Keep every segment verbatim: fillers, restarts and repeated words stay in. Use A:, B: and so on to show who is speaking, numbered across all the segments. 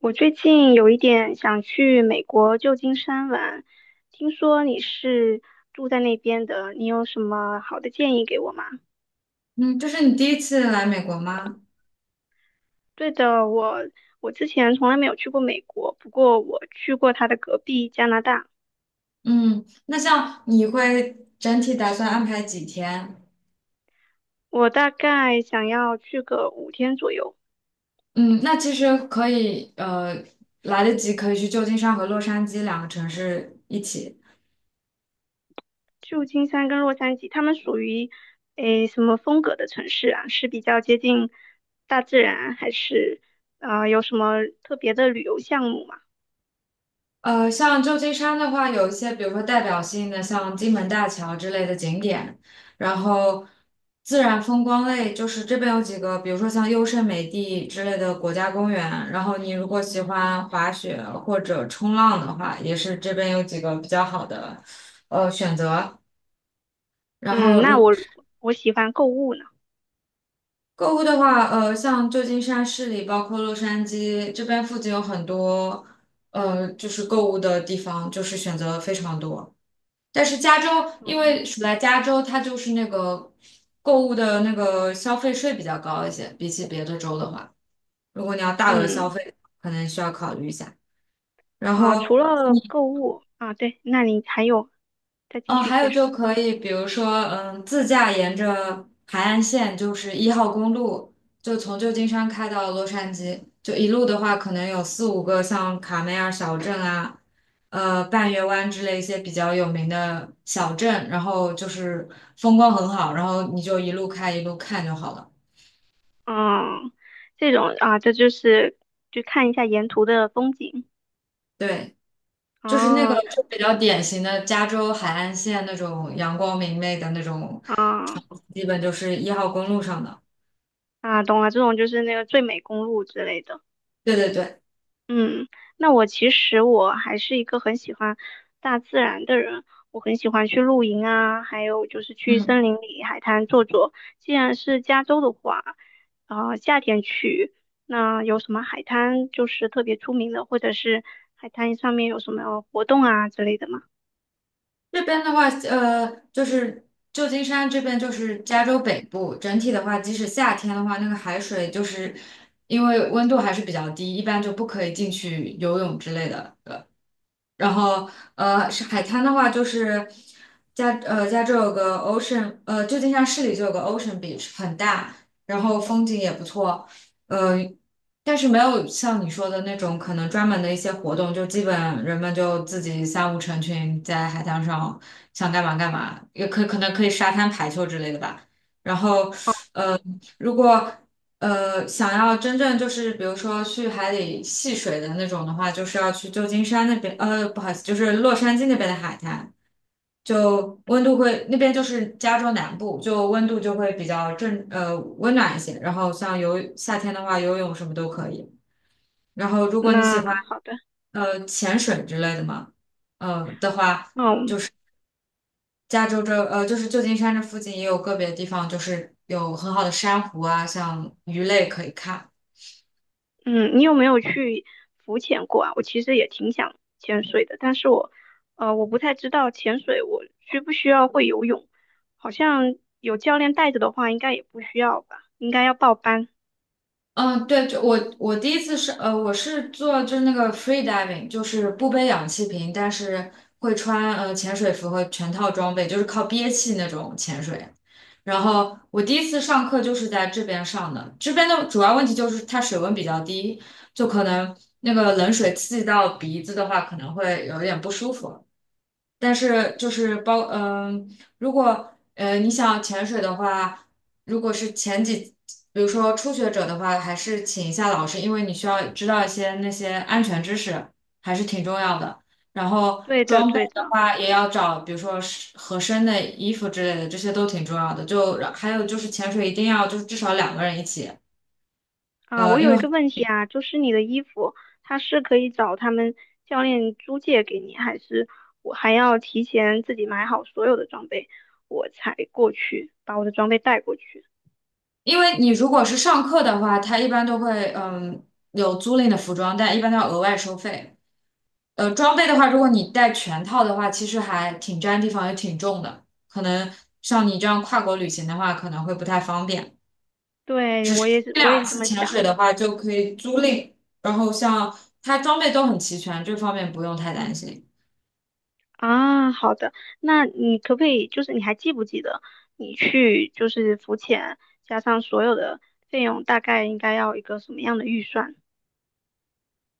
A: 我最近有一点想去美国旧金山玩，听说你是住在那边的，你有什么好的建议给我吗？
B: 嗯，这是你第一次来美国吗？
A: 对的，我我之前从来没有去过美国，不过我去过它的隔壁加拿大，
B: 嗯，那像你会整体打算安排几天？
A: 我大概想要去个五天左右。
B: 嗯，那其实可以，呃，来得及可以去旧金山和洛杉矶两个城市一起。
A: 旧金山跟洛杉矶，它们属于诶什么风格的城市啊？是比较接近大自然，还是啊有什么特别的旅游项目吗？
B: 呃，像旧金山的话，有一些比如说代表性的，像金门大桥之类的景点，然后自然风光类，就是这边有几个，比如说像优胜美地之类的国家公园，然后你如果喜欢滑雪或者冲浪的话，也是这边有几个比较好的呃选择。然
A: 嗯，
B: 后
A: 那
B: 如果
A: 我我喜欢购物呢。
B: 购物的话，呃，像旧金山市里，包括洛杉矶这边附近有很多呃就是购物的地方，就是选择非常多。但是加州，因为
A: 嗯
B: 属在加州，它就是那个购物的那个消费税比较高一些，比起别的州的话，如果你要大额消
A: 嗯
B: 费，可能需要考虑一下。然
A: 啊，
B: 后
A: 除了购物啊，对，那你还有再继
B: 哦，
A: 续
B: 还有
A: 介绍。
B: 就可以，比如说，嗯，自驾沿着海岸线，就是一号公路，就从旧金山开到洛杉矶，就一路的话，可能有四五个像卡梅尔小镇啊，呃，半月湾之类一些比较有名的小镇，然后就是风光很好，然后你就一路开一路看就好了。
A: 嗯，这种啊，这就是就看一下沿途的风景。
B: 对，就是那个
A: 哦，
B: 就比较典型的加州海岸线那种阳光明媚的那种
A: 啊
B: 场景基本就是一号公路上的。
A: 啊，懂了，这种就是那个最美公路之类的。
B: 对对对。
A: 嗯，那我其实我还是一个很喜欢大自然的人，我很喜欢去露营啊，还有就是去森
B: 嗯。
A: 林里、海滩坐坐。既然是加州的话，啊、夏天去，那有什么海滩就是特别出名的，或者是海滩上面有什么活动啊之类的吗？
B: 这边的话，呃，就是旧金山这边就是加州北部，整体的话，即使夏天的话，那个海水就是因为温度还是比较低，一般就不可以进去游泳之类的。呃然后呃，是海滩的话就是加呃加州有个 Ocean，呃，旧金山市里就有个 Ocean Beach，很大，然后风景也不错，呃，但是没有像你说的那种可能专门的一些活动，就基本人们就自己三五成群在海滩上想干嘛干嘛，也可可能可以沙滩排球之类的吧。然后如果呃想要真正就是比如说去海里戏水的那种的话，就是要去旧金山那边，呃，不好意思，就是洛杉矶那边的海滩，就温度会那边就是加州南部，就温度就会比较正呃温暖一些。然后像游夏天的话，游泳什么都可以。然后如果你喜
A: 那
B: 欢
A: 好的，
B: 呃潜水之类的嘛，呃的话，
A: 嗯。
B: 加州这呃就是旧金山这附近也有个别地方就是有很好的珊瑚啊，像鱼类可以看。
A: 嗯，你有没有去浮潜过啊？我其实也挺想潜水的，但是我，呃，我不太知道潜水我需不需要会游泳，好像有教练带着的话，应该也不需要吧，应该要报班。
B: 嗯，对，就我我第一次是呃，我是做就是那个 free diving，就是不背氧气瓶，但是会穿呃潜水服和全套装备，就是靠憋气那种潜水。然后我第一次上课就是在这边上的，这边的主要问题就是它水温比较低，就可能那个冷水刺激到鼻子的话，可能会有一点不舒服。但是就是包，嗯、如果呃你想潜水的话，如果是前几，比如说初学者的话，还是请一下老师，因为你需要知道一些那些安全知识，还是挺重要的。然后
A: 对的，
B: 装备
A: 对
B: 的
A: 的。
B: 话，也要找，比如说是合身的衣服之类的，这些都挺重要的。就还有就是潜水一定要就是至少两个人一起。
A: 啊，
B: 呃，
A: 我
B: 因
A: 有
B: 为
A: 一个问题啊，就是你的衣服，它是可以找他们教练租借给你，还是我还要提前自己买好所有的装备，我才过去把我的装备带过去？
B: 因为你如果是上课的话，他一般都会嗯有租赁的服装，但一般都要额外收费。呃，装备的话，如果你带全套的话，其实还挺占地方，也挺重的。可能像你这样跨国旅行的话，可能会不太方便。
A: 对，我也是，
B: 这
A: 我也
B: 两
A: 是这
B: 次
A: 么
B: 潜水
A: 想
B: 的
A: 的。
B: 话，就可以租赁，然后像它装备都很齐全，这方面不用太担心。
A: 啊，好的，那你可不可以，就是你还记不记得你去就是浮潜加上所有的费用，大概应该要一个什么样的预算？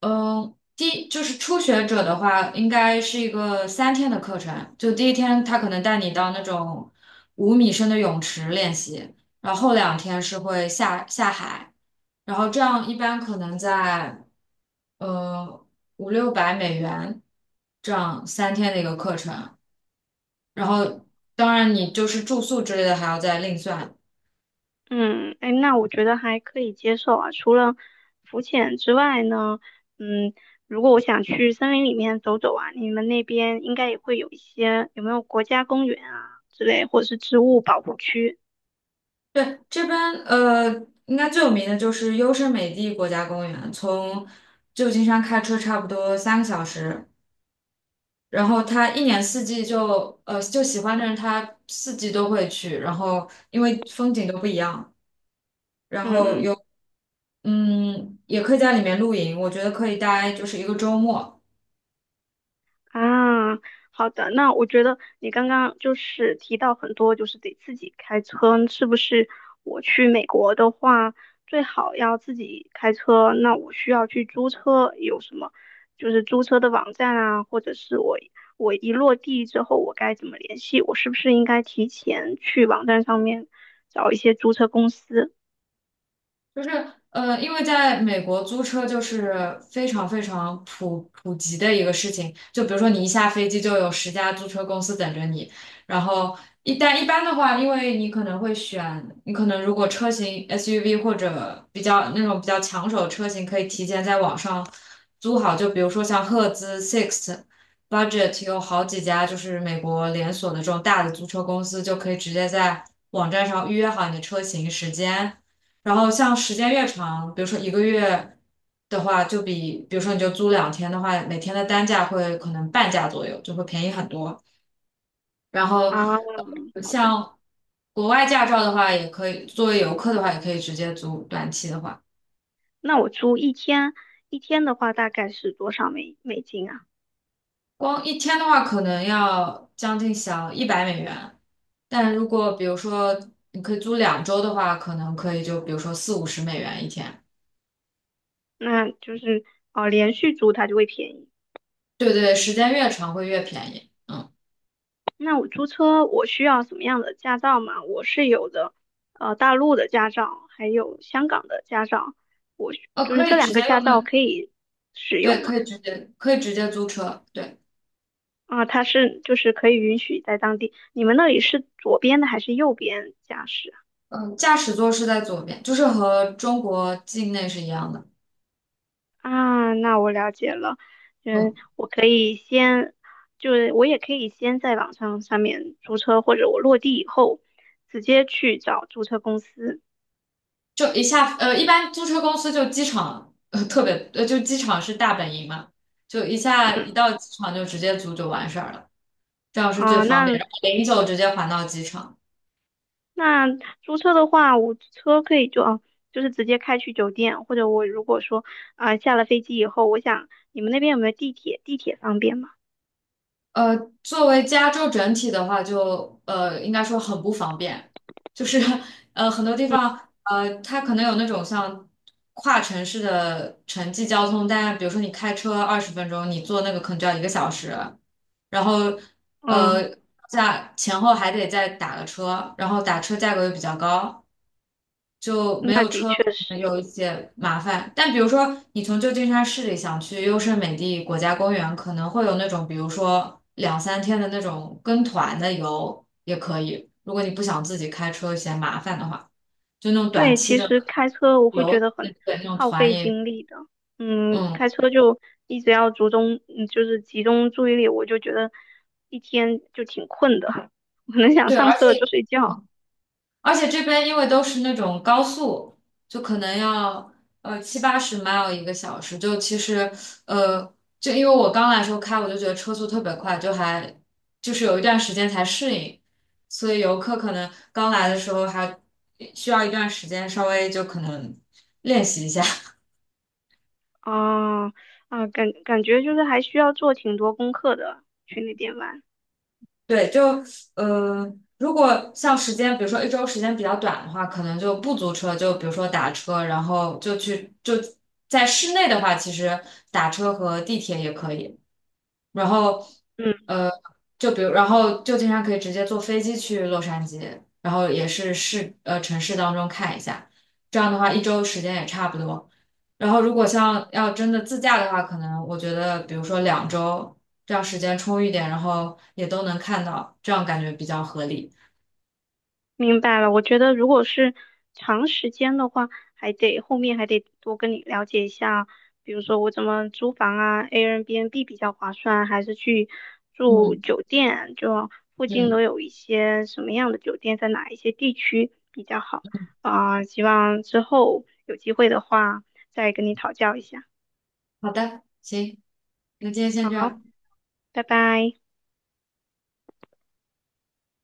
B: 嗯，第就是初学者的话，应该是一个三天的课程。就第一天，他可能带你到那种五米深的泳池练习，然后后两天是会下下海，然后这样一般可能在呃五六百美元这样三天的一个课程。然后当然你就是住宿之类的还要再另算，
A: 嗯，哎，那我觉得还可以接受啊。除了浮潜之外呢，嗯，如果我想去森林里面走走啊，你们那边应该也会有一些，有没有国家公园啊之类，或者是植物保护区？
B: 对，这边呃，应该最有名的就是优胜美地国家公园，从旧金山开车差不多三个小时。然后他一年四季就呃，就喜欢的人他四季都会去，然后因为风景都不一样，然后
A: 嗯。
B: 有嗯，也可以在里面露营，我觉得可以待就是一个周末。
A: 啊，好的，那我觉得你刚刚就是提到很多，就是得自己开车，是不是？我去美国的话，最好要自己开车，那我需要去租车，有什么就是租车的网站啊，或者是我我一落地之后，我该怎么联系？我是不是应该提前去网站上面找一些租车公司
B: 就是呃，因为在美国租车就是非常非常普普及的一个事情。就比如说你一下飞机就有十家租车公司等着你，然后一但一般的话，因为你可能会选，你可能如果车型 S U V 或者比较那种比较抢手的车型，可以提前在网上租好。就比如说像赫兹、s i x Budget 有好几家就是美国连锁的这种大的租车公司，就可以直接在网站上预约好你的车型时间。然后像时间越长，比如说一个月的话，就比比如说你就租两天的话，每天的单价会可能半价左右，就会便宜很多。然后
A: 啊？
B: 呃
A: 好的，
B: 像国外驾照的话，也可以作为游客的话，也可以直接租短期的话，
A: 那我租一天，一天的话大概是多少美美金啊？
B: 光一天的话可能要将近小一百美元。但如果比如说你可以租两周的话，可能可以就比如说四五十美元一天。
A: 那就是呃连续租它就会便宜。
B: 对对，时间越长会越便宜。嗯，
A: 那我租车我需要什么样的驾照嘛？我是有的，呃，大陆的驾照，还有香港的驾照，我需
B: 呃，
A: 就
B: 可
A: 是这
B: 以直
A: 两个
B: 接
A: 驾
B: 用
A: 照
B: 那
A: 可以使
B: 对，
A: 用嘛？
B: 可以直接可以直接租车，对，
A: 啊、它是就是可以允许在当地。你们那里是左边的还是右边驾驶
B: 嗯，驾驶座是在左边，就是和中国境内是一样的，
A: 啊？啊那我了解了，嗯，
B: 嗯，
A: 我可以先。就是我也可以先在网上上面租车，或者我落地以后直接去找租车公司。
B: 就一下，呃，一般租车公司就机场，呃，特别，呃，就机场是大本营嘛，就一下一到机场就直接租就完事儿了，这样是最
A: 啊，
B: 方便，
A: 那
B: 然后零九直接还到机场。
A: 那租车的话，我车可以就啊，就是直接开去酒店，或者我如果说啊下了飞机以后，我想你们那边有没有地铁？地铁方便吗？
B: 呃，作为加州整体的话就，呃应该说很不方便，就是呃很多地方呃它可能有那种像跨城市的城际交通，但比如说你开车二十分钟，你坐那个可能就要一个小时。然后
A: 嗯，
B: 呃价前后还得再打个车，然后打车价格又比较高，就没
A: 那
B: 有
A: 的
B: 车可
A: 确
B: 能
A: 是，
B: 有一些麻烦。但比如说你从旧金山市里想去优胜美地国家公园，可能会有那种比如说两三天的那种跟团的游也可以，如果你不想自己开车嫌麻烦的话，就那种短
A: 对，
B: 期
A: 其
B: 的
A: 实开车我会觉
B: 游，
A: 得很
B: 对那种
A: 耗
B: 团
A: 费
B: 也
A: 精力的，嗯，
B: 嗯
A: 开车就一直要集中，嗯，就是集中注意力，我就觉得一天就挺困的，我能想
B: 对，
A: 上
B: 而
A: 车了就
B: 且。
A: 睡觉。
B: 而且这边因为都是那种高速，就可能要呃七八十 mile 一个小时，就其实呃，就因为我刚来的时候开，我就觉得车速特别快，就还就是有一段时间才适应，所以游客可能刚来的时候还需要一段时间稍微就可能练习一下。
A: 哦，啊，感感觉就是还需要做挺多功课的，去那边玩。
B: 对，就呃，如果像时间，比如说一周时间比较短的话，可能就不租车，就比如说打车，然后就去就在室内的话，其实打车和地铁也可以。然后
A: 嗯，
B: 呃，就比如，然后就经常可以直接坐飞机去洛杉矶，然后也是市呃城市当中看一下，这样的话一周时间也差不多。然后如果像要真的自驾的话，可能我觉得比如说两周，这样时间充裕点，然后也都能看到，这样感觉比较合理。
A: 明白了。我觉得如果是长时间的话，还得后面还得多跟你了解一下，比如说我怎么租房啊，Airbnb 比较划算，还是去住
B: 嗯
A: 酒店，就附近都
B: 嗯，
A: 有一些什么样的酒店，在哪一些地区比较好啊，希望之后有机会的话再跟你讨教一下。
B: 好的，行，那今天先这
A: 好，
B: 样。
A: 拜拜。